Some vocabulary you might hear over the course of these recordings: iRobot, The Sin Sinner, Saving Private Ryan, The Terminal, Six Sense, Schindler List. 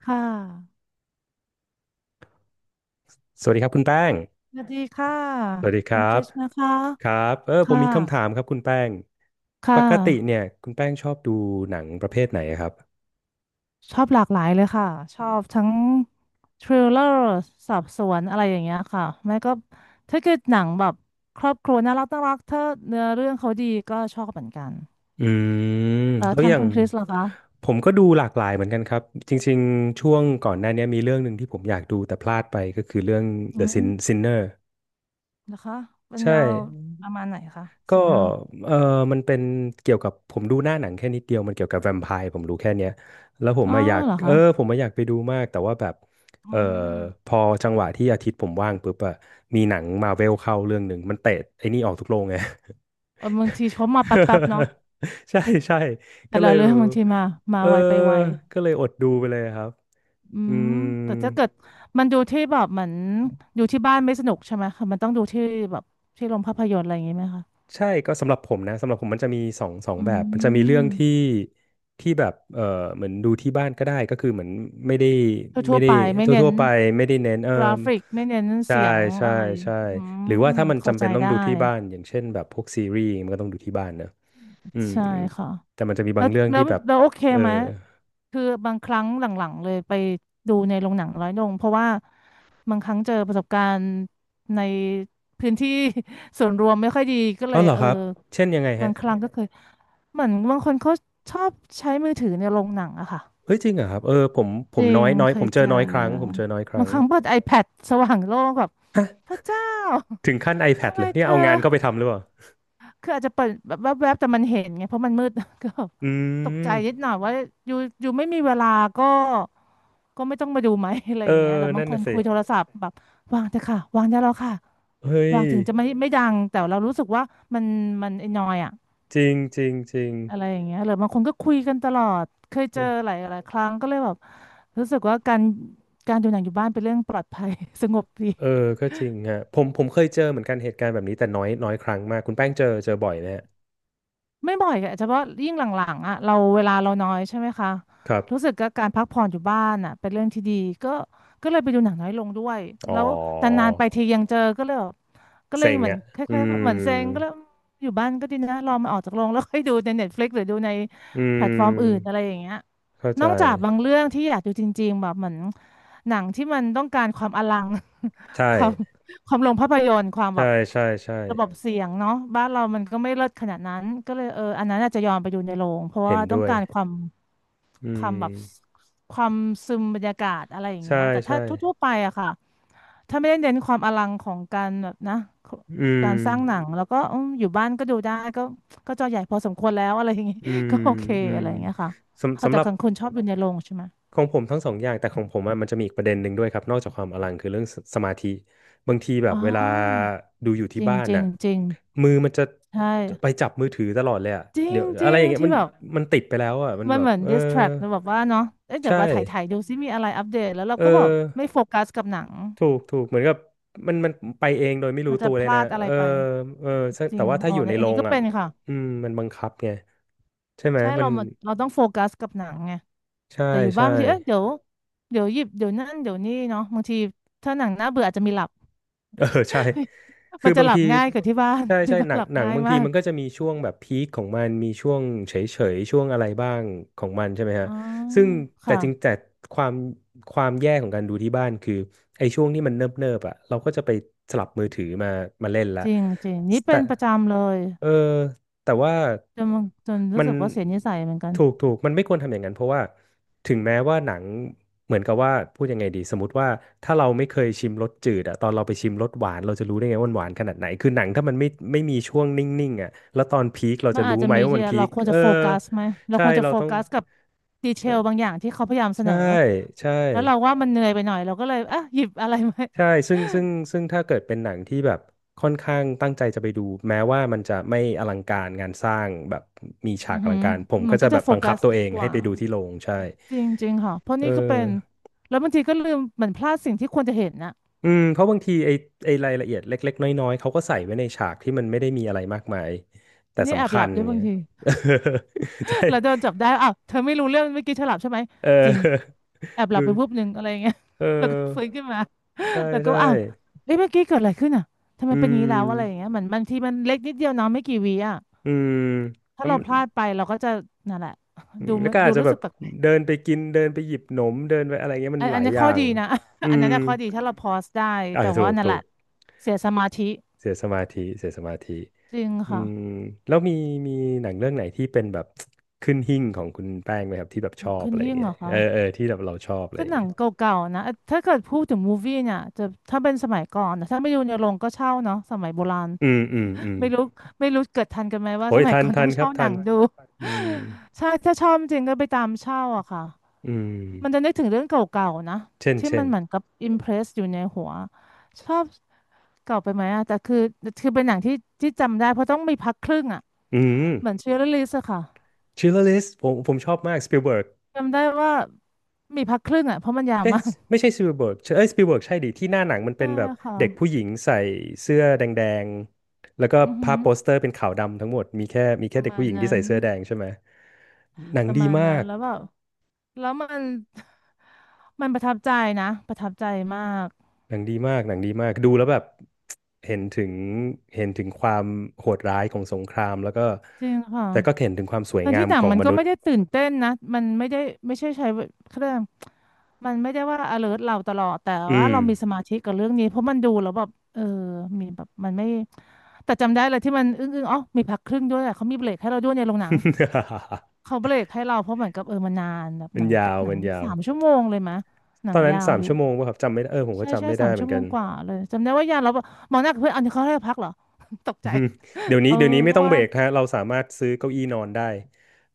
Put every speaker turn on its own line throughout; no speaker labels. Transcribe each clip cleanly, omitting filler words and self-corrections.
ค่ะ
สวัสดีครับคุณแป้ง
สวัสดีค่ะ
สวัสดีค
เป็
รั
นคริ
บ
สนะคะ
ครับ ผม
ค่ะ
มีคำถามครับคุณแป้ง ป
ค่ะ
กติเนี่ยคุณแป้งชอบดูหนังประเภทไหนครับ
ชอบหลากหลายเลยค่ะ ชอบทั้งทริลเลอร์สอบสวนอะไรอย่างเงี้ยค่ะไม่ก็ถ้าเกิดหนังแบบครอบครัวน่ารักน่ารักถ้าเนื้อเรื่องเขาดีก็ชอบเหมือนกัน
อื
แล้ว
แล้ว
ทา
อ
ง
ย่า
คุ
ง
ณคริสล่ะคะ
ผมก็ดูหลากหลายเหมือนกันครับ จริงๆช่วงก่อนหน้านี้มีเรื่องหนึ่งที่ผมอยากดูแต่พลาดไปก็คือเรื่อง
อื
The
ม
Sin Sinner
เหรอคะ เป็น
ใช่
แนวประมาณไหนคะ
ก็
ซินเนอร์
เออมันเป็นเกี่ยวกับผมดูหน้าหนังแค่นิดเดียวมันเกี่ยวกับแวมไพร์ผมรู้แค่เนี้ยแล้วผม
อ๋อ
มาอะอยาก
เหรอ
เอ
คะ
อผมมาอะอยากไปดูมากแต่ว่าแบบ
อื
เออ
ม
พอจังหวะที่อาทิตย์ผมว่างปุ๊บอะมีหนังมาเวลเข้าเรื่องหนึ่งมันเตะไอ้นี่ออกทุกโรงไง
เออบางทีเขามาแป๊บๆเนาะ
ใช่ใช่
แต่
ก็เล
ละ
ย
เรื่องบางทีมา มา
เออ
ไวไปไว
ก็เลยอดดูไปเลยครับ
อื
อื
มแต่
ม
ถ้าเกิดมันดูที่แบบเหมือนดูที่บ้านไม่สนุกใช่ไหมคะมันต้องดูที่แบบที่โรงภาพยนตร์อะไรอย่างงี้ไหมคะ
ใช่ก็สำหรับผมนะสำหรับผมมันจะมีสอง
อื
แบบมันจะมีเรื่อ
ม
งที่แบบเหมือนดูที่บ้านก็ได้ก็คือเหมือนไม่ได้
ทั่
ไม่
วๆ
ได้
ไปไม่เน้
ทั่
น
วๆไปไม่ได้เน้น
กราฟิกไม่เน้น
ใช่
เสียง
ใช่
อะไร
ใช่
อื
หรือว่า
ม
ถ้ามัน
เข้า
จำ
ใจ
เป็นต้อง
ได้
ดูที่บ้านอย่างเช่นแบบพวกซีรีส์มันก็ต้องดูที่บ้านเนอะอืม
ใช่
อืม
ค่ะ
แต่มันจะมีบา
แล้
ง
ว
เรื่อง
แล้
ที่
ว
แบบ
แล้วโอเค
เออ
ไหมคือบางครั้งหลังๆเลยไปดูในโรงหนังร้อยโรงเพราะว่าบางครั้งเจอประสบการณ์ในพื้นที่ ส่วนรวมไม่ค่อยดีก็เล
เอา
ย
เหรอ
เออ
ครับเช่นยังไง
บา
ฮะ
งครั้งก็เคยเหมือนบางคนเขาชอบใช้มือถือในโรงหนังอะค่ะ
เอ้ยจริงเหรอครับผมผ
จ
ม
ริ
น้อ
ง
ยน้อย
เค
ผ
ย
มเจ
เจ
อน้อยครั้งผม
อ
เจอน้อยค
บา
รั้
ง
ง
ครั้งเปิด iPad สว่างโล่งแบบพระเจ้า
ถึงขั้น
ทำ
iPad
ไม
เลยเนี่
เธ
ยเอา
อ
งานเข้าไปทำหรือเปล่า
คืออาจจะเปิดแบบแวบๆแต่มันเห็นไงเพราะมันมืด ก็แบบ
อื
ตกใจนิด
ม
หน่อยว่าอยู่ไม่มีเวลาก็ก็ไม่ต้องมาดูไหม อะไร
เอ
อ
อ
ย่างเงี้ยหรือบา
นั่
ง
น
คน
น่ะสิ
คุยโทรศัพท์แบบวางเถอะค่ะวางได้แล้วค่ะ
เฮ้ย
วางถึงจะไม่ดังแต่เรารู้สึกว่ามันมันไอ้นอยอะ
จริงจริงจริง
อะไรอย่างเงี้ยหรือบางคนก็คุยกันตลอดเคยเจ
โอ้
อหลายหลายครั้งก็เลยแบบรู้สึกว่าการดูหนังอยู่บ้านเป็นเรื่องปลอดภัย สงบดี
เออก็จริงฮะผมเคยเจอเหมือนกันเหตุการณ์แบบนี้แต่น้อยน้อยครั้งมากคุณแป้งเจอบ่อยไหมฮะ
ไม่บ่อยอะเฉพาะยิ่งหลังๆอ่ะเราเวลาเราน้อยใช่ไหมคะ
ครับ
รู้สึกก็การพักผ่อนอยู่บ้านอ่ะเป็นเรื่องที่ดีก็ก็เลยไปดูหนังน้อยลงด้วย
อ๋อ
แล้วนานๆไปทียังเจอก็เลยแบบก็เลย
เซ็ง
เหมือน
อ่ะ
ค
อื
ล้ายๆว่าเหมือนเซ็งก็เล
ม
ยอยู่บ้านก็ดีนะรอมาออกจากโรงแล้วค่อยดูใน Netflix หรือดูใน
อื
แพลตฟอร์มอื่น
ม
อะไรอย่างเงี้ย
เข้า
น
ใจ
อกจากบางเรื่องที่อยากดูจริงๆแบบเหมือนหนังที่มันต้องการความอลัง
ใช่
ความ ความลงภาพยนตร์ความแบ
ใช่
บ
ใช่
ระบบเสียงเนาะบ้านเรามันก็ไม่เลิศขนาดนั้นก็เลยเอออันนั้นอาจจะยอมไปดูในโรงเพราะ
เห็
ว่า
น
ต้อ
ด้
ง
วย
การความ
อื
ความแบบ
ม
ความซึมบรรยากาศอะไรอย่างเงี้
ใช่
ยแต่ถ้า
ใช่
ทั่วๆไปอะค่ะถ้าไม่ได้เน้นความอลังของการแบบนะ
อืม
การสร้างหนังแล้วก็อืมอยู่บ้านก็ดูได้ก็ก็จอใหญ่พอสมควรแล้วอะไรอย่างงี้
อืม
ก็โอเค
อื
อะ
ม
ไรอย่างเงี้ยค่ะ
สำ
เอา
สำ
แต่
หรับ
ของคุณชอบดูในโรงใช่ไหม
ของผมทั้งสองอย่างแต่ของผมอะมันจะมีอีกประเด็นหนึ่งด้วยครับนอกจากความอลังคือเรื่องสมาธิบางทีแบ
อ๋
บ
อ
เวลาดูอยู่
จ
ที่
ริง
บ้าน
จริง
น่ะ
จริง
มือมันจะ
ใช่
ไปจับมือถือตลอดเลยอะ
จริ
เดี๋
ง
ยว
จ
อะไร
ริง
อย่างเงี้ย
ที่
มัน
แบบ
มันติดไปแล้วอะมัน
มัน
แบ
เห
บ
มือน distract นะแบบว่าเนาะเอ๊ะเดี๋ย
ใช่
วมาถ่ายถ่ายดูซิมีอะไรอัปเดตแล้วเรา
เอ
ก็แบบไม่
อ
โฟกัสกับหนัง
ถูกเหมือนกับมันไปเองโดยไม่รู้
มันจะ
ตัว
พ
เลย
ลา
นะ
ดอะไร
เออ
ไป
เออซึ่ง
จริ
แต่
ง
ว่าถ้า
อ๋อ
อยู่
เนี่
ใน
ยอัน
โร
นี้
ง
ก็
อ่ะ
เป็นค่ะ
อืมมันบังคับไงใช่ไหม
ใช่
มั
เรา
น
มาเราต้องโฟกัสกับหนังไง
ใช่
แต่อยู่บ้าน
ใช่
บางทีเอ๊ะเดี๋ยวเดี๋ยวหยิบเดี๋ยวนั่นเดี๋ยวนี่เนาะบางทีถ้าหนังน่าเบื่ออาจจะมีหลับ
เออใช่
มั
คือ
นจะ
บา
ห
ง
ลั
ที
บง่ายกว่าที่บ้าน
ใช่
ที่
ใช่
บ้า
ห
น
นั
ห
ง
ลับ
หนัง
ง่าย
บางที
มาก
มันก็จะมีช่วงแบบพีคของมันมีช่วงเฉยช่วงอะไรบ้างของมันใช่ไหมฮะ
อ๋อ
ซึ่งแต่
ค่ะ
จริงแต่ความความแย่ของการดูที่บ้านคือไอ้ช่วงที่มันเนิบอ่ะเราก็จะไปสลับมือถือมาเล่นละ
จริงจริงนี่
แต่
เป็นประจำเลย
เออแต่ว่า
จนมันจนรู้
มัน
สึกว่าเสียนิสัยเหมือนกัน
ถูกมันไม่ควรทำอย่างนั้นเพราะว่า ถึงแม้ว่าหนังเหมือนกับว่าพูดยังไงดีสมมติว่าถ้าเราไม่เคยชิมรสจืดอะตอนเราไปชิมรสหวานเราจะรู้ได้ไงว่ามันหวานขนาดไหนคือหนังถ้ามันไม่มีช่วงนิ่งๆอะแล้วตอนพีคเรา
มัน
จะ
อาจ
รู้
จะ
ไหม
มี
ว่า
ที่
มันพี
เรา
ค
ควรจะโฟกัสไหม เรา
ใช่
ควรจะ
เรา
โฟ
ต้อง
กัสกับดีเทลบางอย่างที่เขาพยายามเสน
ใช่
อ
ใช่
แล้วเราว่ามันเหนื่อยไปหน่อยเราก็เลยอ่ะหยิบอะไรมา
ใช่ซึ่งถ้าเกิดเป็นหนังที่แบบค่อนข้างตั้งใจจะไปดูแม้ว่ามันจะไม่อลังการงานสร้างแบบมี ฉา
อื
ก
อ
อลั
หื
ง
อ
การผม
มั
ก็
น
จะ
ก็
แบ
จะ
บ
โฟ
บังคั
กั
บ
ส
ตัวเอ
ดี
ง
ก
ให้
ว่า
ไปดูที่โรงใช่
จริงๆค่ะเพราะ
เอ
นี่ก็เป็
อ
นแล้วบางทีก็ลืมเหมือนพลาดสิ่งที่ควรจะเห็นนะ
อืมเพราะบางทีไอ้รายละเอียดเล็กๆน้อยๆเขาก็ใส่ไว้ในฉากที่มันไม่ได้มีอะไรมากมายแต่
อันนี้แอบ
สำ
ห
คั
ลับ
ญ
ด้วยบา
เนี่
ง
ย
ที
ใช่
แล้วโดนจับได้ อ้าวเธอไม่รู้เรื่องเมื่อกี้เธอหลับใช่ไหม
เ
จริง
ออ
แอบ หลั
ดู
บไปวุบหนึ่งอะไรอย่างเงี้ย
เออ
แล้วก็ฟื้นขึ้นมา
ใช่
แล้วก็
ใช่
อ้าวเอ้ยเมื่อกี้เกิดอะไรขึ้นอ่ะทำไม
อื
เป็นอย่างนี้แล้วอะไรอย่าง
ม
เงี้ยเหมือนบางทีมันเล็กนิดเดียวเน้องไม่กี่วิอ่ะ
อืม
ถ้า
แล้ว
เรา
มัน
พลาดไปเราก็จะนั่นแหละ
อื
ดู
มแล้
ไม่
วก็
ดู
อาจจะ
รู้
แบ
สึ
บ
กแปลก
เดินไปกินเดินไปหยิบหนมเดินไปอะไรเงี้ย
ๆ
มั
อั
น
น
ห
อั
ลา
น
ย
นี้
อ
ข้
ย่า
อ
ง
ดีนะ
อื
อัน
ม
นั้นน่ะข้อดีถ้าเราพอสได้
อ่า
แต่
ถู
ว่า
ก
นั่น
ถู
แหละ
ก
เสียสมาธิ
เสียสมาธิ
จริง
อื
ค่ะ
มแล้วมีหนังเรื่องไหนที่เป็นแบบ ขึ้นหิ้งของคุณแป้งไหมครับที่แบบช
ลุ
อ
ก
บ
ขึ้น
อะไรอ
หิ้
ย่าง
ง
เงี้
เหร
ย
อคะ
เออที่แบบเราชอบอะไร
ก็
อย่า
ห
ง
นัง
เงี้ย
เก่าๆนะถ้าเกิดพูดถึงมูฟวี่เนี่ยจะถ้าเป็นสมัยก่อนนะถ้าไม่ดูในโรงก็เช่าเนาะสมัยโบราณ
อืม
ไม่รู้ไม่รู้เกิดทันกันไหมว่า
โอ้
ส
ย
มัย
ทัน
ก่อน
ทั
ต้อ
น
ง
ครั
เช่า
บ
ห
ทั
นั
น
งดู
อืม
ใช่ถ้าชอบจริงก็ไปตามเช่าอะค่ะ
อื
มันจะ
ม
นึกถึงเรื่องเก่าๆนะ
เช่น
ที่
เช่
มัน
น
เหมือนกับอิมเพรสอยู่ในหัวชอบเก่าไปไหมอะแต่คือเป็นหนังที่จำได้เพราะต้องมีพักครึ่งอะ
อืม
เหมือนเชียร์ลิสอะค่ะ
ชิลเลอร์ลิสผมชอบมากสปิลเบิร์ก
จำได้ว่ามีพักครึ่งอะเพราะมันยาว
เอ้ย
มาก
ไม่ใช่สปีลเบิร์กเอ้ยสปีลเบิร์กใช่ดิที่หน้า หนังมันเป็
ใช่
นแบบ
ค่ะ
เด็กผู้หญิงใส่เสื้อแดงๆแล้วก็
อือหื
ภาพ
อ
โปสเตอร์เป็นขาวดำทั้งหมดมีแค่มี
ป
แค่
ระ
เด็ก
มา
ผู้
ณ
หญิงที่
นั้น
ใส่เสื้อแดงใช่ไหมหนัง
ประ
ดี
มาณ
มา
นั้น
ก
แล้วแบบแล้วมัน มันประทับใจนะประทับใจมาก
หนังดีมากหนังดีมากดูแล้วแบบเห็นถึงเห็นถึงความโหดร้ายของสงครามแล้วก็
จริงค่ะ
แต่ก็เห็นถึงความสวย
ทั้ง
งา
ที่
ม
หนั
ข
ง
อง
มัน
ม
ก็
นุษ
ไม่
ย์
ได้ตื่นเต้นนะมันไม่ได้ไม่ใช่ใช้เครื่องมันไม่ได้ว่า alert เราตลอดแต่
อื
ว่า
ม
เรามีสมาธิกับเรื่องนี้เพราะมันดูแล้วแบบเออมีแบบมันไม่แต่จำได้เลยที่มันอึ้งอ๋อมีพักครึ่งด้วยอะเขามีเบรกให้เราด้วยในโรงหนังเขาเบรกให้เราเพราะเหมือนกับเออมันนานแบบ
มั
ห
น
นัง
ยาว
หนั
มั
ง
นยา
สา
ว
มชั่วโมงเลยมะหนั
ต
ง
อนนั้น
ยาว
สาม
อยู่
ชั่วโมงป่ะครับจำไม่ได้เออผมก็
ใช่ใช่
จำไม่ได้
สาม
เหมื
ชั่
อ
ว
น
โม
กั
ง
น
กว่าเลยจำได้ว่ายาเราบอกหมอหนากับเพื่อนอันนี้เขาให้พักเหรอ ตก
อื
ใจ
มเดี๋ยวนี้
เออ
เดี๋ยวนี้ไม่
ก็
ต้องเบ
ว่า
รกฮะเราสามารถซื้อเก้าอี้นอนได้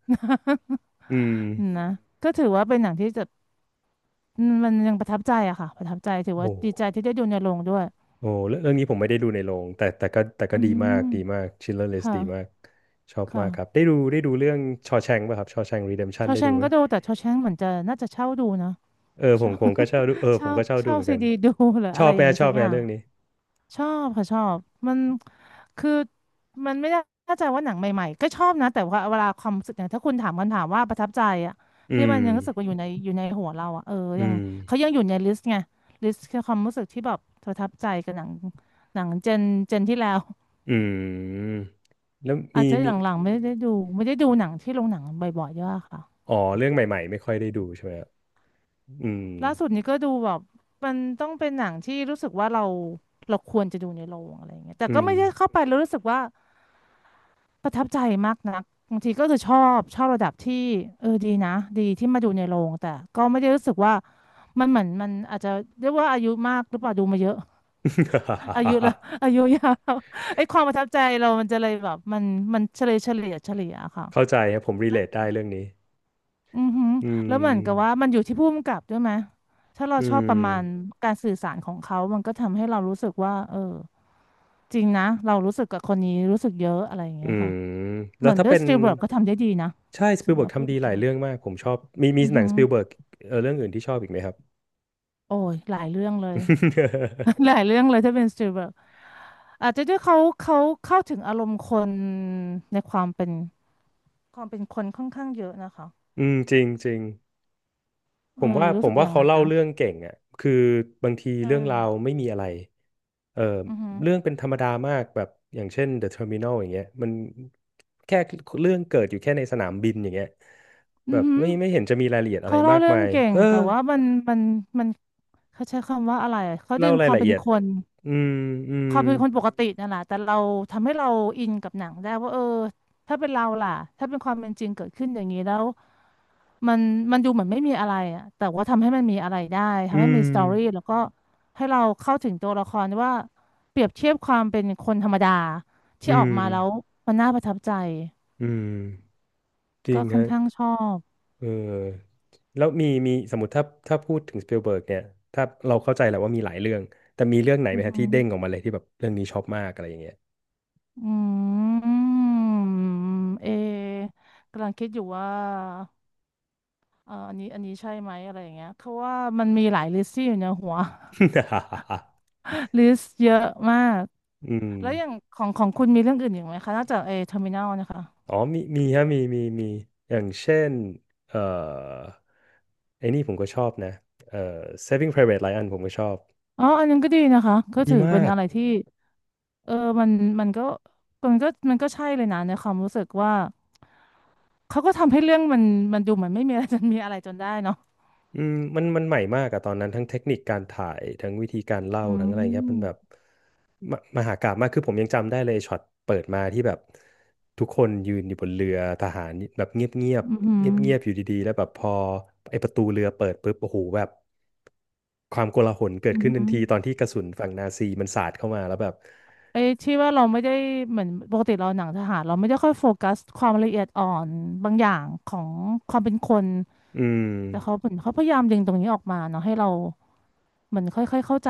อืม
นะก็ถือว่าเป็นหนังที่จะอืมมันยังประทับใจอะค่ะประทับใจถือ
โอ้
ว่าดีใจที่ได้ดูในโรงด้วย
โอ้เรื่องนี้ผมไม่ได้ดูในโรงแต่ก็
อื
ดีมา
ม
กดีมาก Schindler List
ค่ะ
ดีมากชอบ
ค่ะ
มากครับได้ดูเรื่องชอ a ชงป่ะครับชอแชง
ช
Redemption
อ
ได้
แช
ดู
ง
ไหม
ก็ดูแต่ชอแชงเหมือนจะน่าจะเช่าดูนะ
เออผ
เช่า
มผมก็ชอบดูเออ ผ
เช่า
มก็ชอบดู
เช่า
เหมือน
ซี
กัน
ดีดูหรือ
ช
อะ
อ
ไร
บ
อ
แหม
ย่างงี้
ชอ
สั
บ
ก
แห
อ
ม
ย่าง
เรื่องนี้
ชอบค่ะชอบมันคือมันไม่ได้เ่าใจว่าหนังใหม่ๆก็ชอบนะแต่ว่าเวลาความรู้สึกเนี่ยถ้าคุณถามคำถามว่าประทับใจอะ
อื
ที่มัน
ม
ยังรู้สึกว่าอยู่ในอยู่ในหัวเราอะเออ
อื
ยังเขา
ม
ยังอยู่ในลิสต์ไงลิสต์คือความรู้สึกที่แบบประทับใจกับหนังหนังเจนที่แล้ว
อืมแล้ว
อาจ
มี
จะห
มี
ลังๆไม่ได้ดูไม่ได้ดูหนังที่โรงหนังบ่อยๆเยอะค่ะ
อ๋อเรื่องใหม่ๆไม่ค่อยได้ดูใช่ไหมครับอืม
ล่าสุดนี้ก็ดูแบบมันต้องเป็นหนังที่รู้สึกว่าเราเราควรจะดูในโรงอะไรอย่างเงี้ยแต่
อื
ก็
ม
ไม่ได้เข้าไปแล้วรู้สึกว่า ประทับใจมากนักบางทีก็คือชอบระดับที่เออดีนะดีที่มาดูในโรงแต่ก็ไม่ได้รู้สึกว่ามันเหมือนมันอาจจะเรียกว่าอายุมากหรือเปล่าดูมาเยอะ อายุละ อายุยาว ไอ้ความประทับใจเรามันจะเลยแบบมันมันเฉลี่ยค่ะ
เข้าใจครับผมรีเลทได้เรื่องนี้
อือหือ
อื
แล้วเหมือนกับว่า
ม
มันอยู่ที่ผู้กำกับด้วยไหมถ้าเรา
อื
ชอบประมาณ
ม
การสื่อสารของเขา มันก็ทำให้เรารู้สึกว่าเออจริงนะเรารู้สึกกับคนนี้รู้สึกเยอะอะไรอย่าง
อื
เงี้ยค่ะ
มแล้
เห
ว
มือน
ถ้า
เด้ว
เป็
ย
น
สตีเวิร์ดก็ทำได้ดีนะ
ใช่ส
ถึ
ปิล
ง
เบิร์
ว่า
ก
พูด
ทำดี
ถึ
หลาย
ง
เรื่องมากผมชอบมีมี
อือ
หนั
หื
ง
อ
สปิลเบิร์กเออเรื่องอื่นที่ชอบอีกไหมครับ
โอ้ยหลายเรื่องเลย หลายเรื่องเลยถ้าเป็นสตีลเบิร์กอาจจะด้วยเขาเข้าถึงอารมณ์คนในความเป็นความเป็นคนค่อนข้างเยอะนะคะ
อืมจริงจริงผ
เออ
มว่าผ
รู้สึ
ม
กอ
ว่า
ย่าง
เขา
นั้น
เล่า
นะ
เรื่องเก่งอ่ะคือบางที
ใช
เรื่องราว
่
ไม่มีอะไรเออ
อือหือ
เรื่องเป็นธรรมดามากแบบอย่างเช่น The Terminal อย่างเงี้ยมันแค่เรื่องเกิดอยู่แค่ในสนามบินอย่างเงี้ยแบ
อือ
บ
หือ
ไม่เห็นจะมีรายละเอียดอะ
เขา
ไร
เล่า
มาก
เรื่อ
มา
ง
ย
เก่ง
เออ
แต่ว่ามันมันเขาใช้คำว่าอะไรอะเขาดึ
เล่า
งค
ราย
วาม
ละ
เป็
เอี
น
ยด
คน
อืมอื
ค
ม
วามเป็นคนปกตินั่นแหละแต่เราทำให้เราอินกับหนังได้ว่าเออถ้าเป็นเราล่ะถ้าเป็นความเป็นจริงเกิดขึ้นอย่างนี้แล้ว มันมันดูเหมือนไม่มีอะไรอะแต่ว่าทำให้มันมีอะไรได้
อื
ทำให้มี
ม
สตอรี่แล้วก็ให้เราเข้าถึงตัวละครว่าเปรียบเทียบความเป็นคนธรรมดาที่
อื
ออก
ม
มาแล้วมันน่าประทับใจ
อืม จริ
ก็
ง
ค่อน
ฮะ
ข้างชอบ
เออ แล้วมีมีสมมติถ้าพูดถึงสปิลเบิร์กเนี่ย ถ้าเราเข้าใจแหละว่ามีหลายเรื่อง แต่มีเรื่องไหน
อื
ไหม
อ
ฮะ
หื
ที่
อ
เด้งออกมาเลยที่แบบเรื่องนี้ชอบมากอะไรอย่างเงี้ย
อืมเอกำลังคิดอยู่ว่าอันนี้ใช่ไหมอะไรอย่างเงี้ยเพราะว่ามันมีหลายลิสต์ที่อยู่ในหัว ลิสต์เยอะมาก
อืม
แล้วอย่างของของคุณมีเรื่องอื่นอีกไหมคะนอกจากเอเทอร์มินอลนะคะ
อ๋อ มีมีฮะมี มี มี อย่างเช่น เอ่อ ไอ้นี่ผมก็ชอบนะเอ่อ Saving Private Ryan ผมก็ชอบ
อ๋ออันนั้นก็ดีนะคะก็
ดี
ถือเป็
มา
น
ก
อะไรที่เออมันมันก็มันก็มันก็ใช่เลยนะในความรู้สึกว่าเขาก็ทำให้เรื่องมันมันดูเหมือนไม่มีอะไรจนมีอะไรจนได้เนาะ
อืมมันใหม่มากอะตอนนั้นทั้งเทคนิคการถ่ายทั้งวิธีการเล่า
อื
ทั้งอะไรเงี้ยมันแบ
ม
บ มมหากาพย์มากคือผมยังจำได้เลยช็อตเปิดมาที่แบบทุกคนยืนอยู่บนเรือทหารแบบเงียบเงียบ
อืมอหืม
เงียบเงียบๆอยู่ดีๆแล้วแบบพอไอ้ประตูเรือเปิดปุ๊บโอ้โหแบบความโกลาหลเกิ
อ
ด
อือ
ขึ้น
หื
ทัน
อ
ทีตอนที่กระสุนฝั่งนาซีมันสาดเข้ามาแล้วแบบ
ไอ้ที่ว่าเราไม่ได้เหมือนปกติเราหนังทหารเราไม่ได้ค่อยโฟกัสความละเอียดอ่อนบางอย่างของความเป็นคน
อืม
แต่เขาเหมือนเขาพยายามดึงตรงนี้ออกมาเนาะให้เราเหมือนค่อยๆเข้าใจ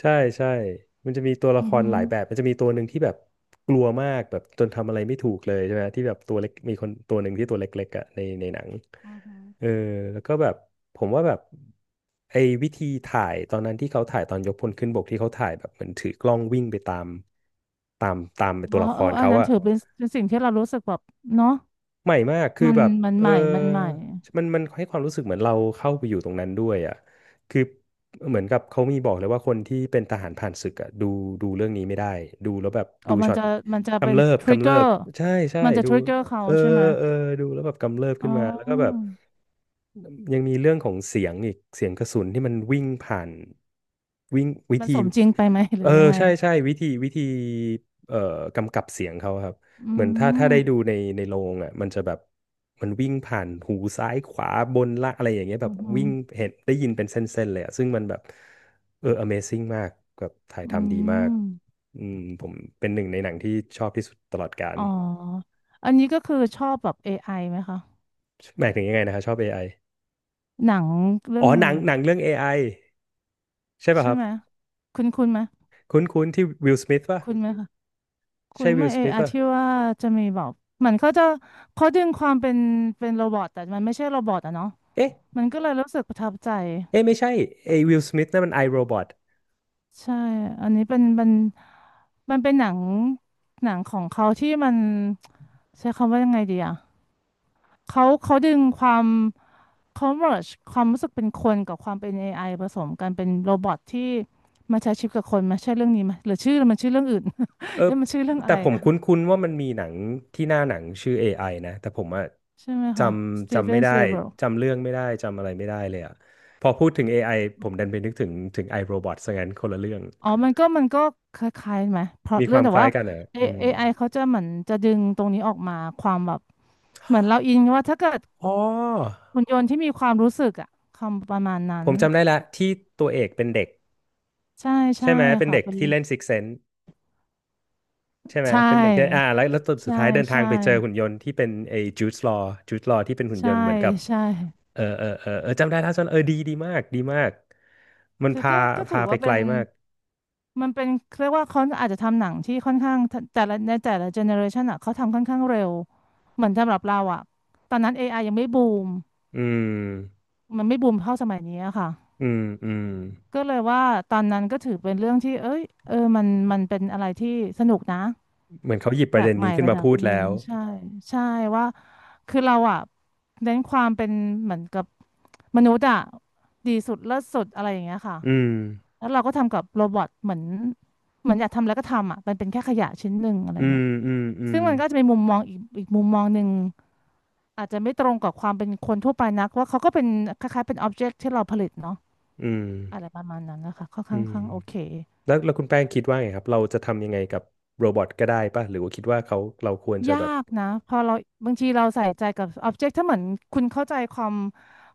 ใช่ใช่มันจะมีตัวละ
อื
ค
อ
ร
หือ
หลายแบบ มันจะมีตัวหนึ่งที่แบบกลัวมากแบบจนทำอะไรไม่ถูกเลยใช่ไหมที่แบบตัวเล็กมีคนตัวหนึ่งที่ตัวเล็กๆอ่ะในหนัง
อือหือ
เออแล้วก็แบบผมว่าแบบไอ้วิธีถ่ายตอนนั้นที่เขาถ่ายตอนยกพลขึ้นบกที่เขาถ่ายแบบเหมือนถือกล้องวิ่งไปตามตาม
อ๋
ตั
อ
วละค
เออ
ร
อัน
เขา
นั้น
อะ
ถือเป็นเป็นสิ่งที่เรารู้สึกแบบเนาะ
ใหม่มากคือ
มัน
แบบ
มัน
เอ
ให
อ
ม่มันใหม่
มันมันให้ความรู้สึกเหมือนเราเข้าไปอยู่ตรงนั้นด้วยอ่ะคือเหมือนกับเขามีบอกเลยว่าคนที่เป็นทหารผ่านศึกอ่ะดูดูเรื่องนี้ไม่ได้ดูแล้วแบบ
อ๋อ
ดู
มัน
ช็อต
จะมันจะเป็
กำ
น
เริบ
ทริก
กำ
เก
เริ
อ
บ
ร์
ใช่ใช่
มันจะ
ดู
ทริกเกอร์เขา
เออ
ใช่ไหม
เออดูแล้วแบบกำเริบ
อ๋
ขึ้นมาแล้วก็แบบ
อ
ยังมีเรื่องของเสียงอีกเสียงกระสุนที่มันวิ่งผ่านวิ่งวิ
มัน
ธี
สมจริงไปไหม หรื
เอ
อ
อ
ยังไง
ใช่ใช่วิธีวิธีเอ่อกำกับเสียงเขาครับ
อื
เหมือนถ้า
ม
ได้ดูในโรงอ่ะมันจะแบบมันวิ่งผ่านหูซ้ายขวาบนล่างอะไรอย่างเงี้ยแบ
อื
บ
มอื
วิ่งเห็นได้ยินเป็นเส้นๆเลยอ่ะซึ่งมันแบบเออ Amazing มากแบบถ่าย
ม
ทำดีมากอืมผมเป็นหนึ่งในหนังที่ชอบที่สุดตลอดกาล
อ๋ออันนี้ก็คือชอบแบบ AI ไอไหมคะ
หมายถึงยังไงนะครับชอบ AI อไอ
หนังเรื่อ
อ๋อ
ง
หนังเรื่อง AI ใช่ป่ะ
ใช่
ครับ
ไหมคุณคุณไหม
คุ้นคุ้นที่วิลสมิธป่ะ
คุณไหมคะคุ
ใช่
ณไห
วิ
ม่
ลสมิธ
AI
ป่ะ
ที่ว่าจะมีแบบเหมือนเขาจะเขาดึงความเป็นเป็นโรบอทแต่มันไม่ใช่โรบอทอะเนาะ
เอ๊ะ
มันก็เลยรู้สึกประทับใจ
เอ๊ะไม่ใช่ไอ้วิลสมิธนั่นมันไอโรบอท
ใช่อันนี้เป็นมันมันเป็นหนังหนังของเขาที่มันใช้คำว่ายังไงดีอ่ะเขาดึงความเขา m e ร์ e ความรู้สึกเป็นคนกับความเป็นเอไอผสมกันเป็นโรบอทที่มาใช้ชีวิตกับคนมาใช่เรื่องนี้ไหมหรือชื่อมันชื่อเรื่องอื่น
เออ
เอ๊ะมันชื่อเรื่องอะ
แต่
ไร
ผม
นะ
คุ้นๆว่ามันมีหนังที่หน้าหนังชื่อ AI นะแต่ผมอะ
ใช่ไหม
จ
คะส
ำ
ตีเฟ
จำไม่
น
ได้
สปีลเบิร์ก
จำเรื่องไม่ได้จำอะไรไม่ได้เลยอะพอพูดถึง AI ผมดันไปนึกถึง iRobot ซะงั้นคนละเรื่อง
อ๋อมันก็คล้ายๆไหมเพราะ
มีค
เรื่อ
วา
ง
ม
แต่
คล้า
ว่า
ยกันเหรอ
เอ
อืม
ไอเขาจะเหมือนจะดึงตรงนี้ออกมาความแบบเหมือนเราอินว่าถ้าเกิด
อ๋อ
หุ่นยนต์ที่มีความรู้สึกอะคำประมาณนั้
ผ
น
มจำได้ละที่ตัวเอกเป็นเด็ก
ใช่ใช่
ใช่ไหมเป็น
ค่ะ
เด็ก
เป็น
ที่เล่น Six Sense ใช่ไหม
ใช
เป็นเด็กที่อ่า
่
แล้วแล้วตอนสุด
ใช่
ท้ายเดินทาง
ใช่
ไปเจอหุ่นยนต์ที่เป็นไอ้จูดลอว์ที่เป็นหุ่นย
ใช่
นต์เหมือนกับ
ใช่
เออเออเออเออจำได้ท่าส้นเออดีดีมากดีมากมัน
คือ
พา
ก็
พา
ถือ
ไป
ว่า
ไกล
เป็น
มาก
มันเป็นเรียกว่าเขาอาจจะทำหนังที่ค่อนข้างทะแต่ละในแต่ละเจเนอเรชันอ่ะเขาทำค่อนข้างเร็วเหมือนสำหรับเราอ่ะตอนนั้น AI ยังไม่บูม
อืม
มันไม่บูมเท่าสมัยนี้อะค่ะ
อืมอืม
ก็เลยว่าตอนนั้นก็ถือเป็นเรื่องที่เอ้ยเออมันเป็นอะไรที่สนุกนะ
เหมือนเขาหยิบป
แป
ระ
ล
เด็
ก
น
ใหม่
นี้ขึ้น
ระ
มา
ดับ
พูด
หนึ่
แล้
ง
ว
ใช่ใช่ว่าคือเราอ่ะเน้นความเป็นเหมือนกับมนุษย์อ่ะดีสุดเลิศสุดอะไรอย่างเงี้ยค่ะ
อืม
แล้วเราก็ทำกับโรบอทเหมือนอยากทำแล้วก็ทำอ่ะมันเป็นแค่ขยะชิ้นหนึ่งอะไร
อืม
เงี้ย
อืมอืม
ซึ่งมันก็จะเป็นมุมมองอีกมุมมองหนึ่งอาจจะไม่ตรงกับความเป็นคนทั่วไปนักว่าเขาก็เป็นคล้ายๆเป็นอ็อบเจกต์ที่เราผลิตเนาะ
อืม
อะไรประมาณนั้นนะคะค่อน
อื
ข้าง
ม
โอเค
แล้วคุณแป้งคิดว่าไงครับเราจะทำยังไงกับโรบอทก็ได้ป่ะหรือว่าคิดว่าเขาเราควรจะ
ยา
แบบ
กนะพอเราบางทีเราใส่ใจกับ object ถ้าเหมือนคุณเข้าใจความ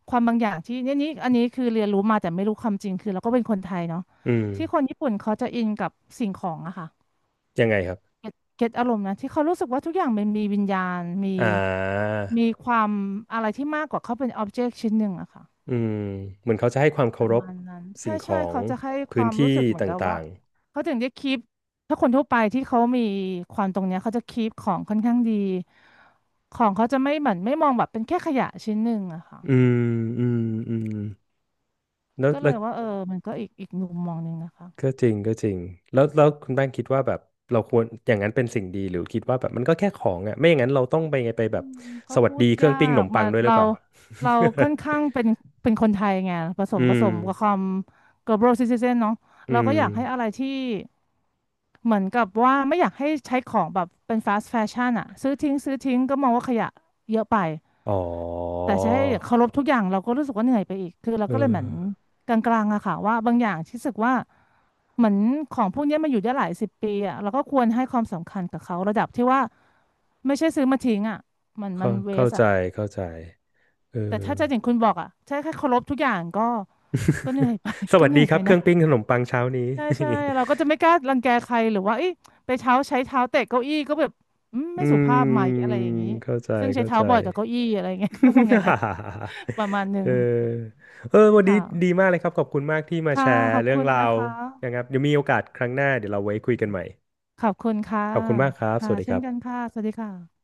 ความบางอย่างที่เนี่ยนี่อันนี้คือเรียนรู้มาแต่ไม่รู้ความจริงคือเราก็เป็นคนไทยเนาะ
อืม
ที่คนญี่ปุ่นเขาจะอินกับสิ่งของอะค่ะ
ยังไงครับ
เก็ตอารมณ์นะที่เขารู้สึกว่าทุกอย่างมันมีวิญญาณมี
อ่า
มีความอะไรที่มากกว่าเขาเป็น object ชิ้นหนึ่งอะค่ะ
อืมเหมือนเขาจะให้ความ
ป
เคา
ระ
รพ
มาณนั้นใช่
สิ่งข
ใช่
อง
เขาจะให้ค
พื้
วา
น
ม
ที่
รู้สึกเหมือ
ต
นกับ
่า
ว่า
ง
เขาถึงจะคีปถ้าคนทั่วไปที่เขามีความตรงเนี้ยเขาจะคีปของค่อนข้างดีของเขาจะไม่เหมือนไม่มองแบบเป็นแค่ขยะชิ้นหนึ่งอะค่ะ
ๆอืมอืมอืมแล้ว
ก็เล
แล้ว
ยว่าเออมันก็อีกมุมมองหนึ่งนะคะ
ก็จริงก็จริงแล้วคุณแป้งคิดว่าแบบเราควรอย่างนั้นเป็นสิ่งดีหรือคิดว่าแบบมันก็แค่ของอ่ะไม่อย่างนั้นเราต้องไปไงไป
อื
แบบ
มก็
สวัส
พู
ดี
ด
เครื่อ
ยา
งปิ้งขน
ก
มปั
มา
งด้วยหรือ
เรา
เปล่า
เราค่อนข้างเป็นเป็นคนไทยไงผส
อื
มผส
ม
มกับความ global citizen เนาะ
อื
เราก็
ม
อยากให้อะไรที่เหมือนกับว่าไม่อยากให้ใช้ของแบบเป็น fast fashion อะซื้อทิ้งซื้อทิ้งก็มองว่าขยะเยอะไป
อ๋อ
แต่จะใช้เคารพทุกอย่างเราก็รู้สึกว่าเหนื่อยไปอีก คือเรา
เอ
ก็เลยเหมือน
อ
กลางๆอะค่ะว่าบางอย่างที่รู้สึกว่าเหมือนของพวกเนี้ยมาอยู่ได้หลายสิบปีอะเราก็ควรให้ความสำคัญกับเขาระดับที่ว่าไม่ใช่ซื้อมาทิ้งอะมันมั
เข้า
นเว
เข้า
ส
ใจ
อะ
เข้าใจเออ
แต่ถ้าจะอย่างคุณบอกอะใช่แค่เคารพทุกอย่างก็ก็เหนื่อยไป
ส
ก็
วัส
เหนื่อ
ดี
ย
ค
ไป
รับเค
นะ
รื่องปิ้งขนมปังเช้านี้
ใช่ใช่เราก็จะไม่กล้ารังแกใครหรือว่าเอ้ยไปเท้าใช้เท้าเตะเก้าอี้ก็แบบอืม ไม่
อื
สุภาพไหม
ม
อะไรอย่างนี้
เข้าใจ
ซึ่งใช้
เข้า
เท้า
ใจ
บ่อยกับเก้าอี้อะไรเงี้ย ก็มองอย่างนั้น ประมาณหนึ่
เอ
ง
อเออวันนี้ดี
ค่ะ
มากเลยครับขอบคุณมากที่มา
ค่ะ
แชร์
ขอบ
เรื่อ
คุ
ง
ณ
รา
นะ
ว
คะ
นะครับเดี๋ยวมีโอกาสครั้งหน้าเดี๋ยวเราไว้คุยกันใหม่
ขอบคุณค่ะ
ขอบคุณมากครับส
ค่ะ
วัสดีค
เช่น
รับ
กันค่ะสวัสดีค่ะ